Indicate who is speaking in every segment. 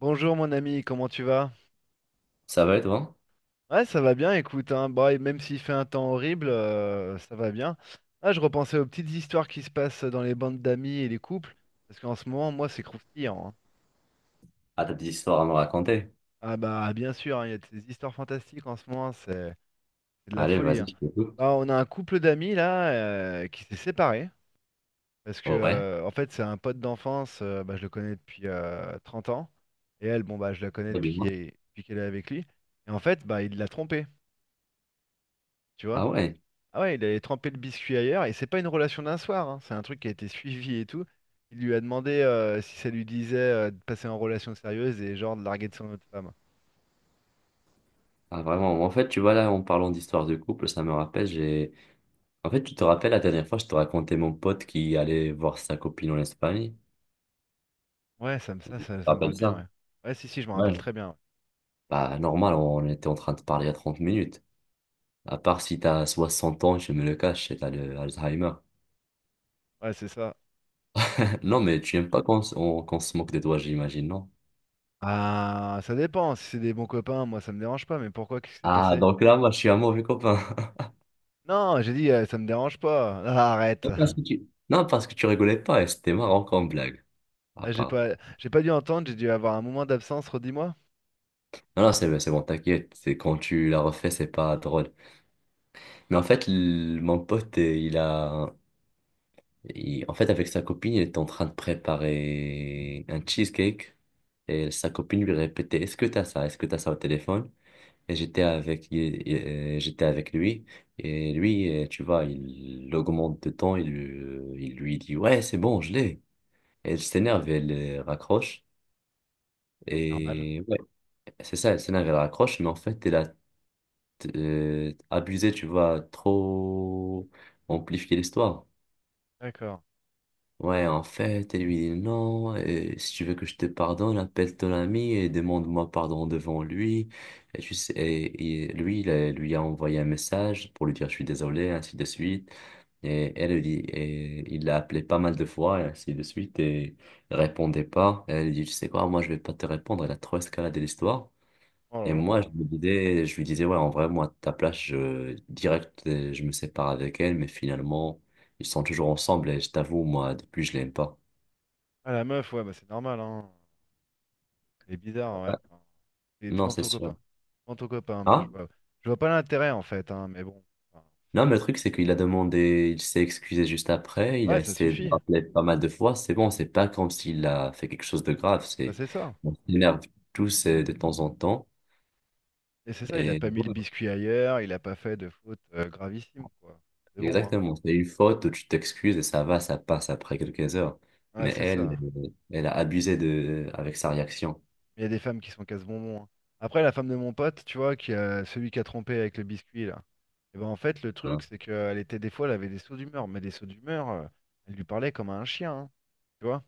Speaker 1: Bonjour mon ami, comment tu vas?
Speaker 2: Ça va et toi?
Speaker 1: Ouais, ça va bien, écoute, hein, bah, et même s'il fait un temps horrible, ça va bien. Ah, je repensais aux petites histoires qui se passent dans les bandes d'amis et les couples, parce qu'en ce moment, moi, c'est croustillant, hein.
Speaker 2: Ah, t'as des histoires à me raconter?
Speaker 1: Ah bah bien sûr, hein, il y a des histoires fantastiques en ce moment, c'est de la
Speaker 2: Allez,
Speaker 1: folie,
Speaker 2: vas-y,
Speaker 1: hein.
Speaker 2: je t'écoute.
Speaker 1: Bah, on a un couple d'amis là qui s'est séparé, parce que
Speaker 2: Ouais,
Speaker 1: en fait, c'est un pote d'enfance, bah, je le connais depuis 30 ans, et elle, bon bah je la connais
Speaker 2: bah,
Speaker 1: depuis
Speaker 2: dis-moi.
Speaker 1: depuis qu'elle est avec lui, et en fait, bah il l'a trompée, tu vois.
Speaker 2: Ah ouais,
Speaker 1: Ah ouais, il avait trempé le biscuit ailleurs et c'est pas une relation d'un soir, hein. C'est un truc qui a été suivi et tout. Il lui a demandé si ça lui disait de passer en relation sérieuse et genre de larguer de son autre femme.
Speaker 2: ah, vraiment. En fait, tu vois, là, en parlant d'histoires de couple, ça me rappelle, j'ai... En fait, tu te rappelles, la dernière fois, je te racontais mon pote qui allait voir sa copine en Espagne.
Speaker 1: Ouais, ça me, ça,
Speaker 2: Tu te
Speaker 1: ça, ça me parle
Speaker 2: rappelles
Speaker 1: bien,
Speaker 2: ça?
Speaker 1: ouais. Ouais, si, si, je me rappelle
Speaker 2: Ouais.
Speaker 1: très bien.
Speaker 2: Bah, normal, on était en train de parler il y a 30 minutes. À part si t'as 60 ans, je me le cache, et t'as le Alzheimer.
Speaker 1: Ouais, ouais, c'est ça.
Speaker 2: Non,
Speaker 1: J'ai-
Speaker 2: mais tu aimes pas qu'on qu'on se moque de toi, j'imagine, non?
Speaker 1: Ah, ça dépend. Si c'est des bons copains, moi, ça me dérange pas. Mais pourquoi? Qu'est-ce qui s'est
Speaker 2: Ah,
Speaker 1: passé?
Speaker 2: donc là, moi, je suis un mauvais copain.
Speaker 1: Non, j'ai dit, ça me dérange pas. Ah, arrête.
Speaker 2: Non, parce que tu rigolais pas et c'était marrant comme blague. À
Speaker 1: Ah,
Speaker 2: part.
Speaker 1: j'ai pas dû entendre. J'ai dû avoir un moment d'absence. Redis-moi.
Speaker 2: Non, non, c'est bon, t'inquiète. C'est quand tu la refais, c'est pas drôle. Mais en fait, mon pote, il a. En fait, avec sa copine, il était en train de préparer un cheesecake. Et sa copine lui répétait, est-ce que t'as ça? Est-ce que t'as ça au téléphone? Et j'étais avec, j'étais avec lui. Et lui, tu vois, il augmente de temps. Il, il lui dit, ouais, c'est bon, je l'ai. Et elle s'énerve, elle raccroche.
Speaker 1: Normal.
Speaker 2: Et c'est ça, elle s'énerve, elle raccroche, mais en fait, elle a abusé, tu vois, trop amplifié l'histoire.
Speaker 1: D'accord.
Speaker 2: Ouais, en fait, elle lui dit non, et si tu veux que je te pardonne, appelle ton ami et demande-moi pardon devant lui. Et, tu sais, et lui, lui a envoyé un message pour lui dire je suis désolé, ainsi de suite. Et elle lui dit, et il l'a appelé pas mal de fois, et ainsi de suite, et il répondait pas. Elle lui dit, tu sais quoi, moi je vais pas te répondre, elle a trop escaladé l'histoire.
Speaker 1: Oh là
Speaker 2: Et moi,
Speaker 1: là.
Speaker 2: je me disais, je lui disais, ouais, en vrai, moi, à ta place, je, direct, je me sépare avec elle, mais finalement, ils sont toujours ensemble et je t'avoue, moi, depuis, je l'aime pas.
Speaker 1: Ah, la meuf, ouais, bah c'est normal, hein. C'est bizarre, ouais. Enfin, c'est
Speaker 2: Non,
Speaker 1: devant
Speaker 2: c'est
Speaker 1: ton
Speaker 2: sûr.
Speaker 1: copain. Devant ton copain, mais
Speaker 2: Ah?
Speaker 1: je vois pas l'intérêt en fait, hein, mais bon. Enfin,
Speaker 2: Non, mais le truc, c'est qu'il a demandé, il s'est excusé juste après, il a
Speaker 1: ouais, ça
Speaker 2: essayé de me
Speaker 1: suffit.
Speaker 2: rappeler pas mal de fois. C'est bon, c'est pas comme s'il a fait quelque chose de grave,
Speaker 1: Ça,
Speaker 2: c'est,
Speaker 1: c'est ça.
Speaker 2: on s'énerve tous de temps en temps.
Speaker 1: Et c'est ça, il a
Speaker 2: Et
Speaker 1: pas mis le
Speaker 2: ouais,
Speaker 1: biscuit ailleurs, il a pas fait de faute gravissime, quoi. C'est bon, hein.
Speaker 2: exactement, c'est une faute où tu t'excuses et ça va, ça passe après quelques heures.
Speaker 1: Ouais,
Speaker 2: Mais
Speaker 1: c'est
Speaker 2: elle,
Speaker 1: ça.
Speaker 2: elle a abusé de, avec sa réaction,
Speaker 1: Il y a des femmes qui sont casse-bonbons, hein. Après, la femme de mon pote, tu vois, qui a celui qui a trompé avec le biscuit, là. Et ben en fait, le truc,
Speaker 2: hein.
Speaker 1: c'est qu'elle était des fois, elle avait des sauts d'humeur, mais des sauts d'humeur, elle lui parlait comme à un chien, hein, tu vois.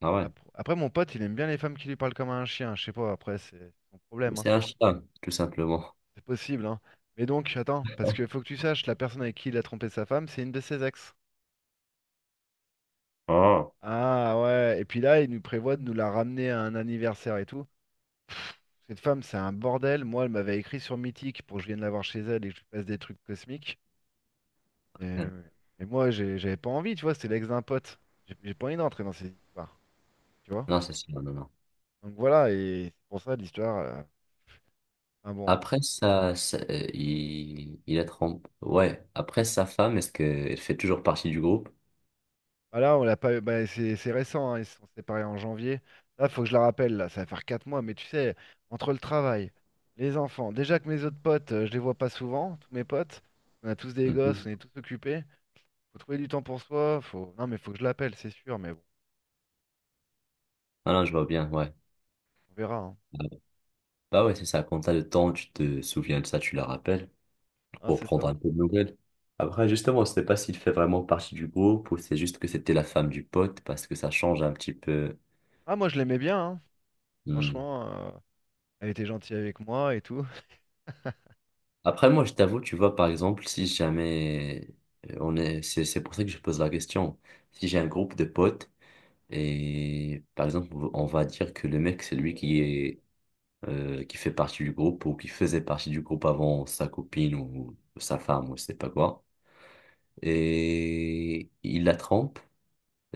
Speaker 2: Ah ouais,
Speaker 1: Après, mon pote, il aime bien les femmes qui lui parlent comme un chien. Je sais pas, après, c'est son problème, hein.
Speaker 2: c'est un chien, tout simplement.
Speaker 1: C'est possible, hein. Mais donc, attends, parce qu'il faut que tu saches, la personne avec qui il a trompé sa femme, c'est une de ses ex.
Speaker 2: Oh.
Speaker 1: Ah ouais, et puis là, il nous prévoit de nous la ramener à un anniversaire et tout. Cette femme, c'est un bordel. Moi, elle m'avait écrit sur Mythique pour que je vienne la voir chez elle et que je lui passe des trucs cosmiques. Et, euh, et moi, j'avais pas envie, tu vois, c'est l'ex d'un pote. J'ai pas envie d'entrer dans ces histoires, tu vois.
Speaker 2: Non, c'est sûr, non, non.
Speaker 1: Donc voilà, et c'est pour ça l'histoire, enfin bon.
Speaker 2: Après ça, il a trompé. Ouais, après sa femme, est-ce qu'elle fait toujours partie du groupe?
Speaker 1: Bah là, on l'a pas eu. Bah, c'est récent, hein. Ils se sont séparés en janvier. Là, faut que je la rappelle, là, ça va faire quatre mois, mais tu sais, entre le travail, les enfants, déjà que mes autres potes, je les vois pas souvent, tous mes potes, on a tous des gosses,
Speaker 2: Mhm.
Speaker 1: on est tous occupés. Faut trouver du temps pour soi, faut. Non, mais faut que je l'appelle, c'est sûr, mais bon,
Speaker 2: Ah non, je vois bien, ouais.
Speaker 1: on verra, hein.
Speaker 2: Bah ouais, c'est ça, quand t'as le temps, tu te souviens de ça, tu la rappelles
Speaker 1: Ah,
Speaker 2: pour
Speaker 1: c'est
Speaker 2: prendre
Speaker 1: ça.
Speaker 2: un peu de nouvelles. Après, justement, on ne sait pas s'il fait vraiment partie du groupe ou c'est juste que c'était la femme du pote parce que ça change un petit peu.
Speaker 1: Ah, moi, je l'aimais bien, hein.
Speaker 2: Hmm.
Speaker 1: Franchement, elle était gentille avec moi et tout.
Speaker 2: Après, moi, je t'avoue, tu vois, par exemple, si jamais on est, c'est pour ça que je pose la question. Si j'ai un groupe de potes et, par exemple, on va dire que le mec, c'est lui qui est, qui fait partie du groupe ou qui faisait partie du groupe avant sa copine ou sa femme ou je sais pas quoi. Et il la trompe,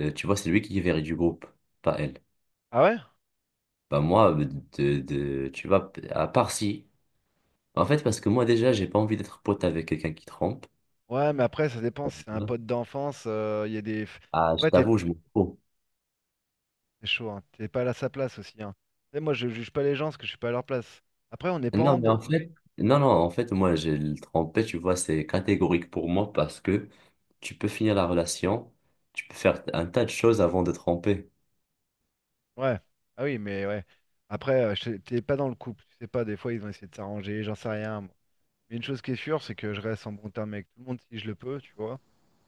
Speaker 2: tu vois, c'est lui qui est viré du groupe, pas elle.
Speaker 1: Ah ouais?
Speaker 2: Bah moi, tu vois, à part si. En fait, parce que moi déjà, j'ai pas envie d'être pote avec quelqu'un qui trompe.
Speaker 1: Ouais, mais après, ça dépend, si c'est un pote d'enfance, il y a des.
Speaker 2: Ah, je
Speaker 1: Après, t'es
Speaker 2: t'avoue, je m'en fous.
Speaker 1: c'est chaud, hein. T'es pas à sa place aussi, hein. Tu sais, moi, je juge pas les gens parce que je suis pas à leur place. Après, on n'est pas en
Speaker 2: Non, mais en
Speaker 1: bon.
Speaker 2: fait, non, non, en fait, moi, j'ai le trompé, tu vois, c'est catégorique pour moi parce que tu peux finir la relation, tu peux faire un tas de choses avant de tromper.
Speaker 1: Ouais. Ah oui, mais ouais. Après, je t'es pas dans le couple. Tu sais pas, des fois, ils ont essayé de s'arranger, j'en sais rien, moi. Mais une chose qui est sûre, c'est que je reste en bon terme avec tout le monde si je le peux, tu vois.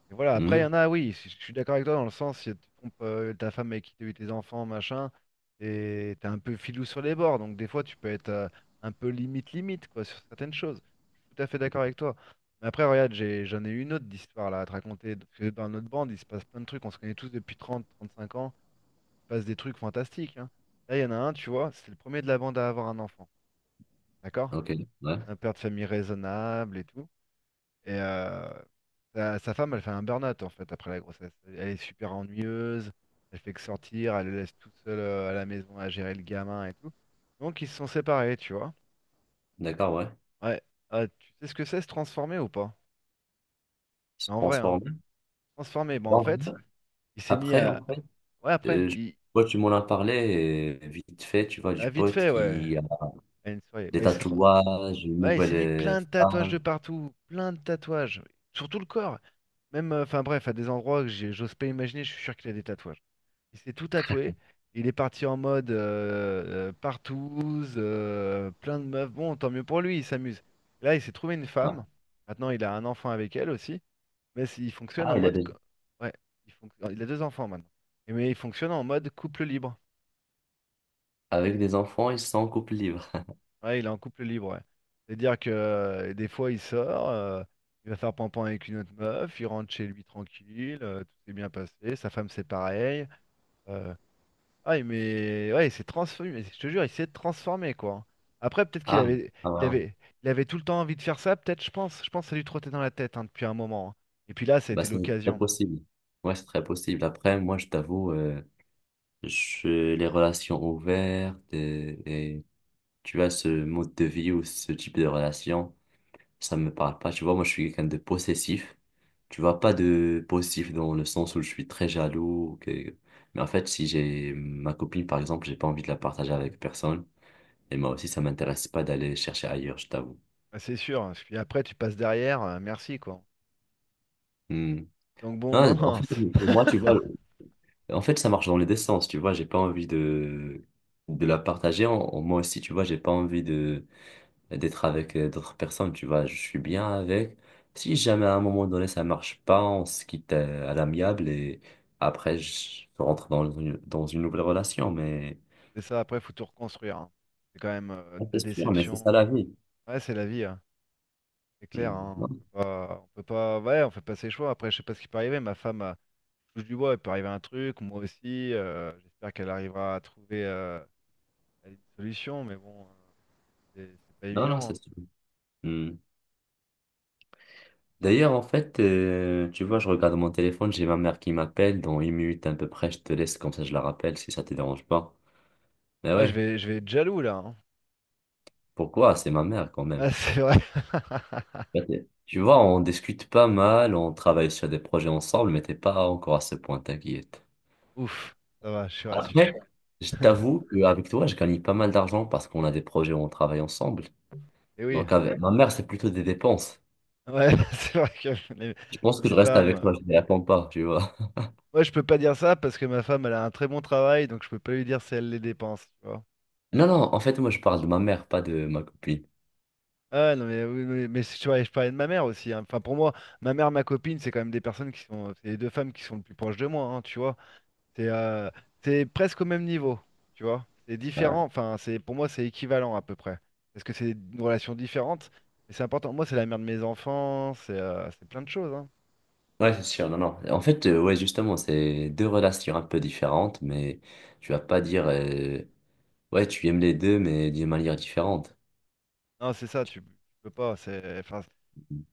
Speaker 1: Et voilà, après, il
Speaker 2: Hmm.
Speaker 1: y en a, oui, je suis d'accord avec toi dans le sens, si tu trompes ta femme avec qui t'as eu tes enfants, machin, et t'es un peu filou sur les bords, donc des fois, tu peux être un peu limite-limite, quoi, sur certaines choses. Je suis tout à fait d'accord avec toi. Mais après, regarde, j'en ai une autre d'histoire là à te raconter. Parce que dans notre bande, il se passe plein de trucs, on se connaît tous depuis trente trente cinq ans, il se passe des trucs fantastiques, hein. Là, il y en a un, tu vois, c'est le premier de la bande à avoir un enfant, d'accord?
Speaker 2: Ok, ouais,
Speaker 1: Un père de famille raisonnable et tout. Et sa femme, elle fait un burn-out en fait après la grossesse. Elle est super ennuyeuse, elle fait que sortir, elle le laisse tout seul à la maison à gérer le gamin et tout. Donc ils se sont séparés, tu vois.
Speaker 2: d'accord, ouais.
Speaker 1: Ouais. Ah, tu sais ce que c'est se transformer ou pas?
Speaker 2: Se
Speaker 1: Mais en vrai, hein.
Speaker 2: transformer.
Speaker 1: Transformer, bon en
Speaker 2: Bon,
Speaker 1: fait, il s'est mis
Speaker 2: après,
Speaker 1: à.
Speaker 2: en fait,
Speaker 1: Ouais, après,
Speaker 2: euh, je-
Speaker 1: il.
Speaker 2: toi, tu m'en as parlé vite fait, tu vois,
Speaker 1: Bah,
Speaker 2: du
Speaker 1: vite
Speaker 2: pote
Speaker 1: fait, ouais.
Speaker 2: qui
Speaker 1: À une soirée.
Speaker 2: des
Speaker 1: Bah,
Speaker 2: tatouages, une
Speaker 1: ouais, il s'est mis
Speaker 2: nouvelle
Speaker 1: plein de tatouages de
Speaker 2: femme.
Speaker 1: partout, plein de tatouages, sur tout le corps. Même, enfin bref, à des endroits que j'ose pas imaginer, je suis sûr qu'il a des tatouages. Il s'est tout tatoué. Il est parti en mode partouze, plein de meufs. Bon, tant mieux pour lui, il s'amuse. Là, il s'est trouvé une
Speaker 2: Ouais.
Speaker 1: femme. Maintenant, il a un enfant avec elle aussi. Mais c- il fonctionne
Speaker 2: Ah,
Speaker 1: en
Speaker 2: il a
Speaker 1: mode.
Speaker 2: des...
Speaker 1: Co- ouais, il a deux enfants maintenant. Et mais il fonctionne en mode couple libre.
Speaker 2: Avec des enfants, ils sont en couple libre.
Speaker 1: Ouais, il est en couple libre, ouais. C'est-à-dire que des fois, il sort, il va faire pampan avec une autre meuf, il rentre chez lui tranquille, tout s'est bien passé. Sa femme, c'est pareil. euh, Ouais mais ouais, il s'est transformé, mais je te jure, il s'est transformé, quoi. Après, peut-être qu'il
Speaker 2: Ah,
Speaker 1: avait,
Speaker 2: ah
Speaker 1: il
Speaker 2: ouais.
Speaker 1: avait, il avait tout le temps envie de faire ça, peut-être, je pense. Je pense que ça lui trottait dans la tête hein, depuis un moment, hein. Et puis là, ça a
Speaker 2: Bah,
Speaker 1: été
Speaker 2: c'est très
Speaker 1: l'occasion.
Speaker 2: possible. Ouais, c'est très possible. Après, moi, je t'avoue, je... les relations ouvertes et tu vois, ce mode de vie ou ce type de relation, ça me parle pas. Tu vois, moi, je suis quelqu'un de possessif. Tu vois, pas de possessif dans le sens où je suis très jaloux. Que- Mais en fait, si j'ai ma copine, par exemple, j'ai pas envie de la partager avec personne. Et moi aussi, ça m'intéresse pas d'aller chercher ailleurs, je t'avoue.
Speaker 1: Ah, c'est sûr, hein. Parce que après, tu passes derrière, merci, quoi.
Speaker 2: Hmm.
Speaker 1: Donc bon, non,
Speaker 2: Non, en
Speaker 1: non.
Speaker 2: fait,
Speaker 1: C'est
Speaker 2: pour moi, tu vois, en fait, ça marche dans les deux sens, tu vois, j'ai pas envie de la partager. Moi aussi, tu vois, j'ai pas envie de, d'être avec d'autres personnes, tu vois, je suis bien avec. Si jamais à un moment donné ça marche pas, on se quitte à l'amiable et après, je rentre dans une nouvelle relation, mais
Speaker 1: c'est ça, après, faut tout reconstruire, hein. C'est quand même
Speaker 2: ah,
Speaker 1: de
Speaker 2: c'est
Speaker 1: la
Speaker 2: sûr, mais c'est
Speaker 1: déception.
Speaker 2: ça la vie.
Speaker 1: Ouais, c'est la vie, hein. C'est clair,
Speaker 2: Hmm.
Speaker 1: hein.
Speaker 2: Non,
Speaker 1: On peut pas, ouais, on fait pas ses choix. Après, je sais pas ce qui peut arriver. Ma femme, je touche du bois, il peut arriver un truc, moi aussi. J'espère qu'elle arrivera à trouver. Une solution, mais bon, c'est pas
Speaker 2: non, non,
Speaker 1: évident,
Speaker 2: c'est
Speaker 1: hein.
Speaker 2: sûr. Hmm. D'ailleurs, en fait, tu vois, je regarde mon téléphone, j'ai ma mère qui m'appelle. Dans une minute à peu près, je te laisse, comme ça je la rappelle si ça te dérange pas. Mais
Speaker 1: Ah,
Speaker 2: ouais,
Speaker 1: je vais être jaloux là, hein.
Speaker 2: pourquoi? C'est ma mère quand même.
Speaker 1: Ah, c'est vrai.
Speaker 2: Bah, t'es- Tu vois, on discute pas mal, on travaille sur des projets ensemble, mais t'es pas encore à ce point, t'inquiète.
Speaker 1: Ouf, ça va, je suis rassuré.
Speaker 2: Après, je t'avoue qu'avec toi, je gagne pas mal d'argent parce qu'on a des projets où on travaille ensemble.
Speaker 1: Et oui,
Speaker 2: Donc, avec ma mère, c'est plutôt des dépenses.
Speaker 1: ouais, c'est vrai que les,
Speaker 2: Je pense que
Speaker 1: les
Speaker 2: je reste
Speaker 1: femmes.
Speaker 2: avec toi, je ne l'attends pas, tu vois.
Speaker 1: Moi, je peux pas dire ça parce que ma femme, elle a un très bon travail, donc je peux pas lui dire si elle les dépense, tu vois.
Speaker 2: Non, non, en fait, moi, je parle de ma mère, pas de ma copine.
Speaker 1: Ah non, mais oui, oui, mais si tu vois, je parlais de ma mère aussi, hein. Enfin, pour moi, ma mère, ma copine, c'est quand même des personnes qui sont. C'est les deux femmes qui sont le plus proches de moi, hein, tu vois. C'est euh, c'est presque au même niveau, tu vois. C'est différent, enfin, c'est pour moi, c'est équivalent à peu près. Parce que c'est une relation différente, mais c'est important. Moi, c'est la mère de mes enfants, c'est plein de choses, hein.
Speaker 2: Ouais, c'est sûr, non, non. En fait, ouais, justement, c'est deux relations un peu différentes, mais tu vas pas dire, ouais, tu aimes les deux, mais d'une manière différente.
Speaker 1: Non, c'est ça, tu peux pas. C'est enfin,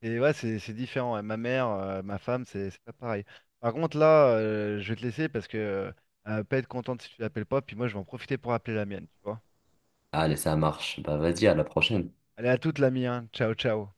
Speaker 1: ouais, c'est différent. Et ma mère, ma femme, c'est pas pareil. Par contre, là, je vais te laisser parce que elle va pas être contente si tu l'appelles pas. Puis moi, je vais en profiter pour appeler la mienne, tu vois.
Speaker 2: Allez, ça marche. Bah, vas-y, à la prochaine.
Speaker 1: Allez, à toute, l'ami, hein. Ciao, ciao.